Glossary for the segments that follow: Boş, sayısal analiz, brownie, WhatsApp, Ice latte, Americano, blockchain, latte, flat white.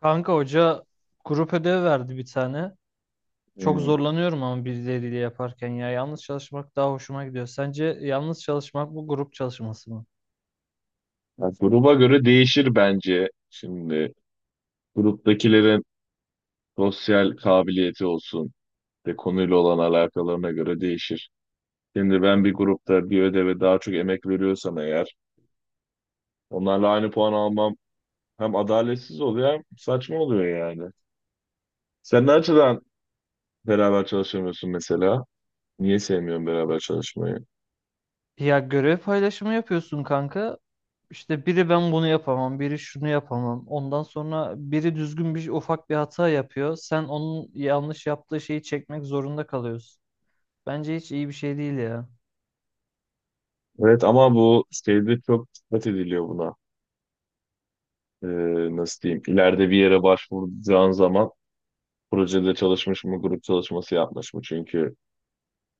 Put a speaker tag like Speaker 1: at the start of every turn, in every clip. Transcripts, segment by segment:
Speaker 1: Kanka hoca grup ödevi verdi bir tane. Çok
Speaker 2: Hmm.
Speaker 1: zorlanıyorum ama birileriyle yaparken ya yalnız çalışmak daha hoşuma gidiyor. Sence yalnız çalışmak bu grup çalışması mı?
Speaker 2: Ya gruba göre değişir bence. Şimdi gruptakilerin sosyal kabiliyeti olsun ve konuyla olan alakalarına göre değişir. Şimdi ben bir grupta bir ödeve daha çok emek veriyorsam eğer onlarla aynı puan almam hem adaletsiz oluyor hem saçma oluyor yani. Sen ne açıdan beraber çalışamıyorsun mesela? Niye sevmiyorsun beraber çalışmayı?
Speaker 1: Ya görev paylaşımı yapıyorsun kanka. İşte biri ben bunu yapamam, biri şunu yapamam. Ondan sonra biri düzgün bir ufak bir hata yapıyor. Sen onun yanlış yaptığı şeyi çekmek zorunda kalıyorsun. Bence hiç iyi bir şey değil ya.
Speaker 2: Evet ama bu şeyde çok dikkat ediliyor buna. Nasıl diyeyim? İleride bir yere başvuracağın zaman projede çalışmış mı, grup çalışması yapmış mı? Çünkü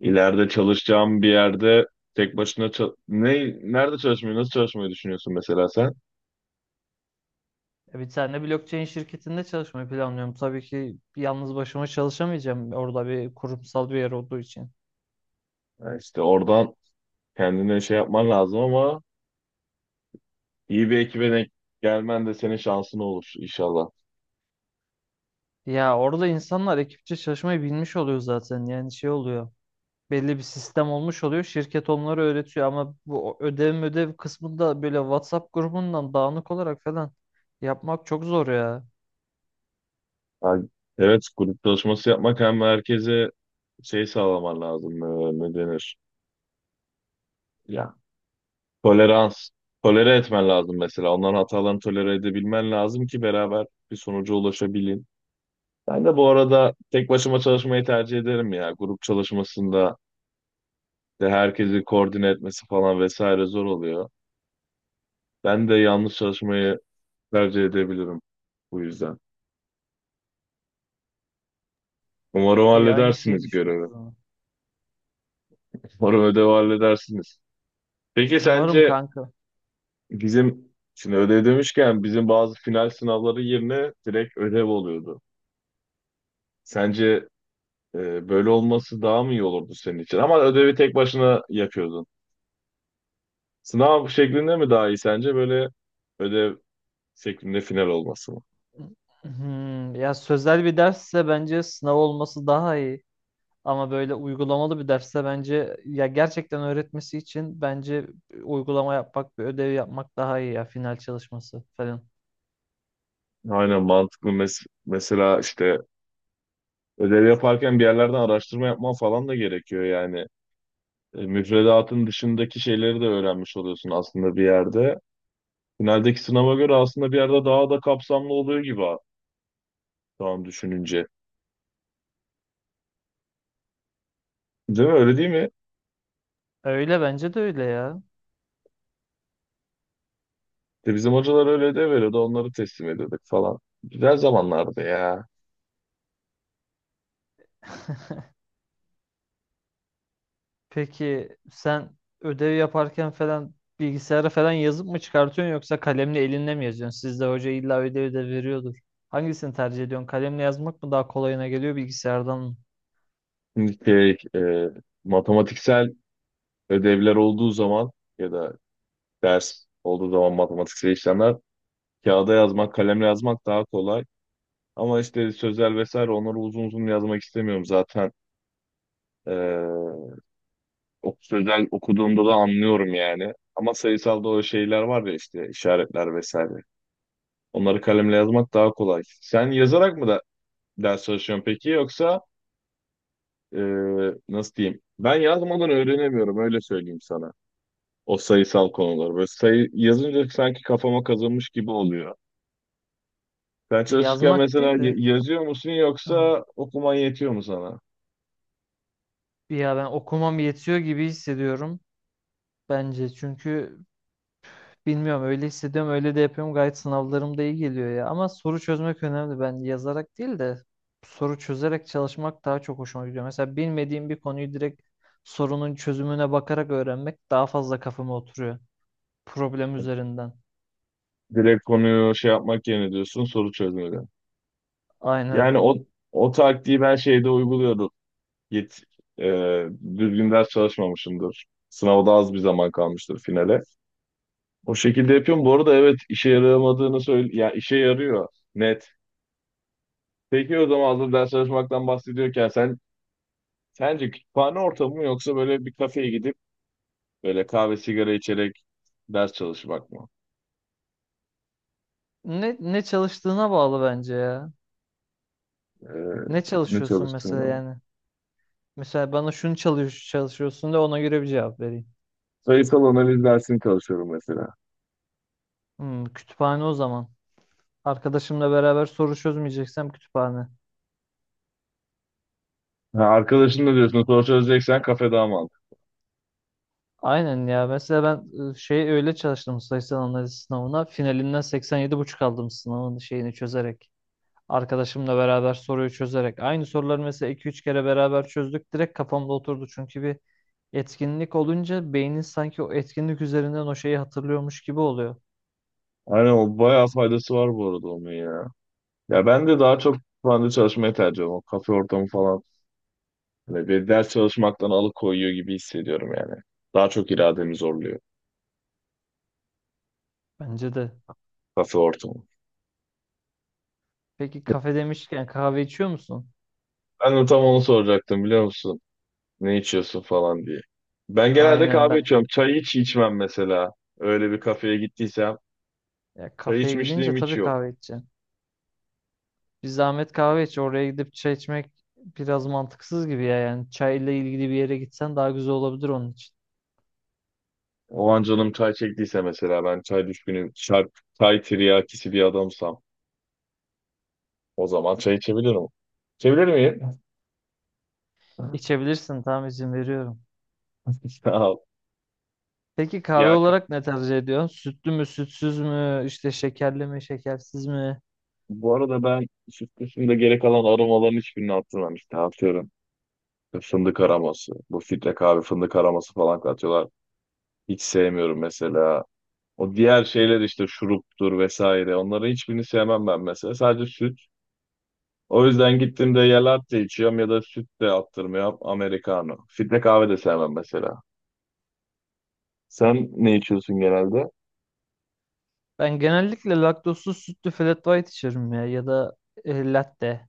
Speaker 2: ileride çalışacağım bir yerde tek başına ne nerede çalışmayı, nasıl çalışmayı düşünüyorsun mesela sen?
Speaker 1: Ya bir tane blockchain şirketinde çalışmayı planlıyorum. Tabii ki yalnız başıma çalışamayacağım orada bir kurumsal bir yer olduğu için.
Speaker 2: Ya işte oradan kendine şey yapman lazım ama iyi bir ekibe denk gelmen de senin şansın olur inşallah.
Speaker 1: Ya orada insanlar ekipçe çalışmayı bilmiş oluyor zaten. Yani şey oluyor. Belli bir sistem olmuş oluyor. Şirket onları öğretiyor ama bu ödev kısmında böyle WhatsApp grubundan dağınık olarak falan yapmak çok zor ya.
Speaker 2: Ya evet, grup çalışması yapmak hem herkese şey sağlaman lazım, ne denir? Ya tolerans, tolere etmen lazım mesela. Onların hatalarını tolere edebilmen lazım ki beraber bir sonuca ulaşabilin. Ben de bu arada tek başıma çalışmayı tercih ederim ya. Grup çalışmasında de herkesi koordine etmesi falan vesaire zor oluyor. Ben de yalnız çalışmayı tercih edebilirim bu yüzden. Umarım
Speaker 1: İyi, aynı şeyi
Speaker 2: halledersiniz
Speaker 1: düşünüyoruz
Speaker 2: görevi.
Speaker 1: o zaman.
Speaker 2: Umarım ödevi halledersiniz. Peki
Speaker 1: Umarım
Speaker 2: sence
Speaker 1: kanka.
Speaker 2: bizim şimdi ödev demişken bizim bazı final sınavları yerine direkt ödev oluyordu. Sence böyle olması daha mı iyi olurdu senin için? Ama ödevi tek başına yapıyordun. Sınav şeklinde mi daha iyi sence böyle ödev şeklinde final olması mı?
Speaker 1: Ya sözel bir dersse bence sınav olması daha iyi. Ama böyle uygulamalı bir dersse bence ya gerçekten öğretmesi için bence uygulama yapmak, bir ödev yapmak daha iyi ya, final çalışması falan.
Speaker 2: Aynen mantıklı. Mesela işte ödev yaparken bir yerlerden araştırma yapman falan da gerekiyor yani. Müfredatın dışındaki şeyleri de öğrenmiş oluyorsun aslında bir yerde. Finaldeki sınava göre aslında bir yerde daha da kapsamlı oluyor gibi ha, şu an düşününce. Değil mi? Öyle değil mi?
Speaker 1: Öyle, bence de öyle ya.
Speaker 2: De bizim hocalar öyle de veriyordu. Onları teslim ediyorduk falan. Güzel zamanlardı ya.
Speaker 1: Peki sen ödev yaparken falan bilgisayara falan yazıp mı çıkartıyorsun yoksa kalemle elinle mi yazıyorsun? Sizde hoca illa ödev de veriyordur. Hangisini tercih ediyorsun? Kalemle yazmak mı daha kolayına geliyor, bilgisayardan mı?
Speaker 2: Şimdi şey, e, matematiksel ödevler olduğu zaman ya da ders olduğu zaman matematiksel işlemler, kağıda yazmak, kalemle yazmak daha kolay. Ama işte sözel vesaire onları uzun uzun yazmak istemiyorum zaten. Ee, O sözel okuduğumda da anlıyorum yani. Ama sayısalda o şeyler var ya işte işaretler vesaire. Onları kalemle yazmak daha kolay. Sen yazarak mı da ders çalışıyorsun peki yoksa ee, nasıl diyeyim? Ben yazmadan öğrenemiyorum öyle söyleyeyim sana. O sayısal konuları. Böyle sayı yazınca sanki kafama kazınmış gibi oluyor. Sen çalışırken
Speaker 1: Yazmak
Speaker 2: mesela
Speaker 1: değil de.
Speaker 2: yazıyor musun
Speaker 1: Hı.
Speaker 2: yoksa okuman yetiyor mu sana?
Speaker 1: Ya ben okumam yetiyor gibi hissediyorum bence. Çünkü bilmiyorum, öyle hissediyorum, öyle de yapıyorum, gayet sınavlarım da iyi geliyor ya. Ama soru çözmek önemli. Ben yazarak değil de soru çözerek çalışmak daha çok hoşuma gidiyor. Mesela bilmediğim bir konuyu direkt sorunun çözümüne bakarak öğrenmek daha fazla kafama oturuyor. Problem üzerinden.
Speaker 2: Direkt konuyu şey yapmak yerine diyorsun soru çözmeli. Yani
Speaker 1: Aynen.
Speaker 2: o taktiği ben şeyde uyguluyorum. Git e, Düzgün ders çalışmamışımdır. Sınavda az bir zaman kalmıştır finale. O şekilde yapıyorum. Bu arada evet işe yaramadığını söyle ya yani işe yarıyor net. Peki o zaman hazır ders çalışmaktan bahsediyorken sen sence kütüphane ortamı mı yoksa böyle bir kafeye gidip böyle kahve sigara içerek ders çalışmak mı?
Speaker 1: Ne çalıştığına bağlı bence ya.
Speaker 2: E,
Speaker 1: Ne
Speaker 2: Ne
Speaker 1: çalışıyorsun mesela
Speaker 2: çalıştığını mı?
Speaker 1: yani? Mesela bana şunu çalışıyorsun da ona göre bir cevap vereyim.
Speaker 2: Sayısal analiz dersini çalışıyorum mesela.
Speaker 1: Kütüphane o zaman. Arkadaşımla beraber soru çözmeyeceksem kütüphane.
Speaker 2: Ha, arkadaşın da diyorsun soru çözeceksen kafe daha mantıklı.
Speaker 1: Aynen ya. Mesela ben şey öyle çalıştım sayısal analiz sınavına. Finalinden 87,5 aldım sınavın şeyini çözerek. Arkadaşımla beraber soruyu çözerek. Aynı soruları mesela 2-3 kere beraber çözdük. Direkt kafamda oturdu. Çünkü bir etkinlik olunca beynin sanki o etkinlik üzerinden o şeyi hatırlıyormuş gibi oluyor.
Speaker 2: Aynen o bayağı faydası var bu arada onun ya. Ya ben de daha çok kütüphanede çalışmayı tercih ediyorum. O kafe ortamı falan. Hani bir ders çalışmaktan alıkoyuyor gibi hissediyorum yani. Daha çok irademi zorluyor
Speaker 1: Bence de.
Speaker 2: kafe ortamı.
Speaker 1: Peki kafe demişken kahve içiyor musun?
Speaker 2: Ben de tam onu soracaktım biliyor musun? Ne içiyorsun falan diye. Ben genelde
Speaker 1: Aynen
Speaker 2: kahve
Speaker 1: ben.
Speaker 2: içiyorum. Çay hiç içmem mesela. Öyle bir kafeye gittiysem.
Speaker 1: Ya
Speaker 2: Çay
Speaker 1: kafeye gidince
Speaker 2: içmişliğim hiç
Speaker 1: tabii
Speaker 2: yok.
Speaker 1: kahve içeceğim. Bir zahmet kahve iç. Oraya gidip çay içmek biraz mantıksız gibi ya. Yani çayla ilgili bir yere gitsen daha güzel olabilir onun için.
Speaker 2: O an canım çay çektiyse mesela ben çay düşkünüm. Çay, çay tiryakisi bir adamsam. O zaman çay içebilirim. İçebilir miyim?
Speaker 1: İçebilirsin, tamam, izin veriyorum.
Speaker 2: Sağ ol.
Speaker 1: Peki kahve
Speaker 2: Ya ka-
Speaker 1: olarak ne tercih ediyorsun? Sütlü mü, sütsüz mü, işte şekerli mi, şekersiz mi?
Speaker 2: Bu arada ben süt dışında gerek alan aromaların hiçbirini atmam işte atıyorum. İşte fındık aroması. Bu filtre kahve fındık aroması falan katıyorlar. Hiç sevmiyorum mesela. O diğer şeyler işte şuruptur vesaire. Onların hiçbirini sevmem ben mesela. Sadece süt. O yüzden gittiğimde ya latte içiyorum ya da süt de attırmıyorum. Americano. Filtre kahve de sevmem mesela. Sen ne içiyorsun genelde?
Speaker 1: Ben genellikle laktozsuz sütlü flat white içerim ya ya da latte.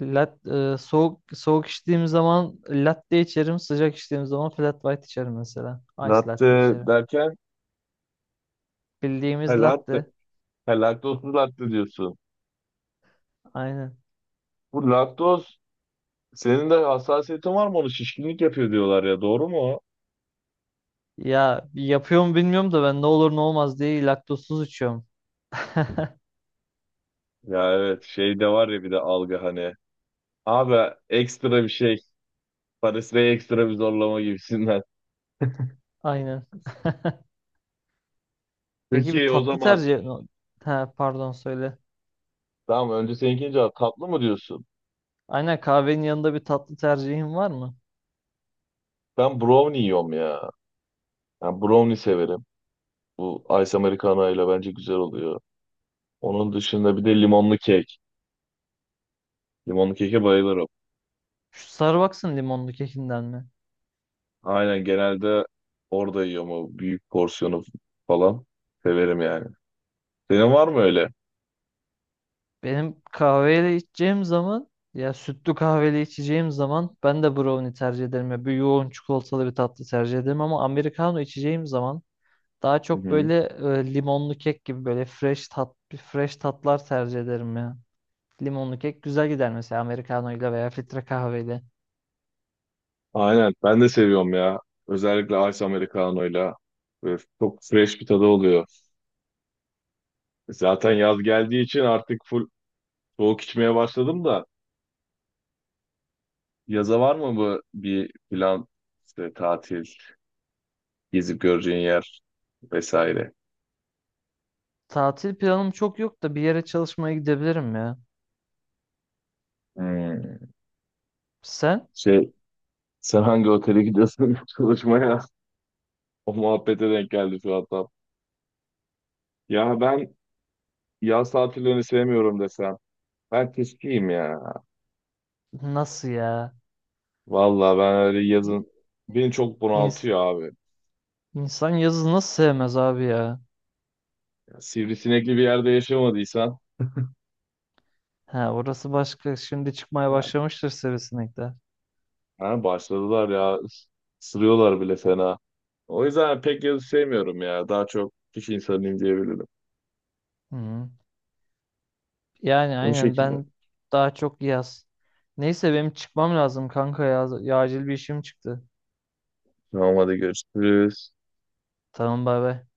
Speaker 1: Soğuk soğuk içtiğim zaman latte içerim, sıcak içtiğim zaman flat white içerim mesela. Ice latte
Speaker 2: Latte
Speaker 1: içerim.
Speaker 2: derken ha,
Speaker 1: Bildiğimiz
Speaker 2: latte,
Speaker 1: latte.
Speaker 2: ha, laktozsuz latte diyorsun.
Speaker 1: Aynen.
Speaker 2: Bu laktoz senin de hassasiyetin var mı, onu şişkinlik yapıyor diyorlar ya, doğru mu o?
Speaker 1: Ya yapıyor mu bilmiyorum da ben ne olur ne olmaz diye laktozsuz içiyorum.
Speaker 2: Ya evet şey de var ya bir de algı hani. Abi ekstra bir şey. Paris'e ekstra bir zorlama gibisinden.
Speaker 1: Aynen. Peki bir
Speaker 2: Peki o
Speaker 1: tatlı
Speaker 2: zaman
Speaker 1: tercih... Ha, pardon, söyle.
Speaker 2: tamam önce seninkini cevap, tatlı mı diyorsun?
Speaker 1: Aynen, kahvenin yanında bir tatlı tercihin var mı?
Speaker 2: Ben brownie yiyorum ya. Ben brownie severim. Bu ice americano ile bence güzel oluyor. Onun dışında bir de limonlu kek. Limonlu keke bayılırım.
Speaker 1: Şu Starbucks'ın limonlu kekinden mi?
Speaker 2: Aynen, genelde orada yiyorum o büyük porsiyonu falan. Severim yani. Senin var mı öyle?
Speaker 1: Benim kahveyle içeceğim zaman, ya sütlü kahveyle içeceğim zaman ben de brownie tercih ederim. Ya bir yoğun çikolatalı bir tatlı tercih ederim, ama americano içeceğim zaman daha
Speaker 2: Hı
Speaker 1: çok
Speaker 2: hı.
Speaker 1: böyle limonlu kek gibi, böyle fresh tatlar tercih ederim ya. Limonlu kek güzel gider mesela Americano'yla veya filtre kahveyle.
Speaker 2: Aynen ben de seviyorum ya. Özellikle ice americano'yla. Böyle çok fresh bir tadı oluyor. Zaten yaz geldiği için artık full soğuk içmeye başladım da. Yaza var mı bu bir plan, işte tatil, gezip göreceğin yer vesaire?
Speaker 1: Tatil planım çok yok da bir yere çalışmaya gidebilirim ya.
Speaker 2: Hmm.
Speaker 1: Sen?
Speaker 2: Şey, sen hangi otele gidiyorsun çalışmaya? O muhabbete denk geldi şu an tam. Ya ben, yaz tatillerini sevmiyorum desem. Ben tiskiyim ya.
Speaker 1: Nasıl ya?
Speaker 2: Vallahi ben öyle yazın beni çok
Speaker 1: İns-
Speaker 2: bunaltıyor abi.
Speaker 1: insan yazı nasıl sevmez abi ya?
Speaker 2: Ya, sivrisinekli bir yerde yaşamadıysan
Speaker 1: Ha, orası başka. Şimdi çıkmaya
Speaker 2: yani,
Speaker 1: başlamıştır sivrisinekler.
Speaker 2: ha, başladılar ya, ısırıyorlar bile fena. O yüzden pek yazı sevmiyorum ya. Daha çok kış insanıyım diyebilirim.
Speaker 1: Hı. Yani
Speaker 2: O
Speaker 1: aynen
Speaker 2: şekilde.
Speaker 1: ben daha çok yaz. Neyse benim çıkmam lazım kanka ya. Ya acil bir işim çıktı.
Speaker 2: Tamam hadi görüşürüz.
Speaker 1: Tamam, bay bay.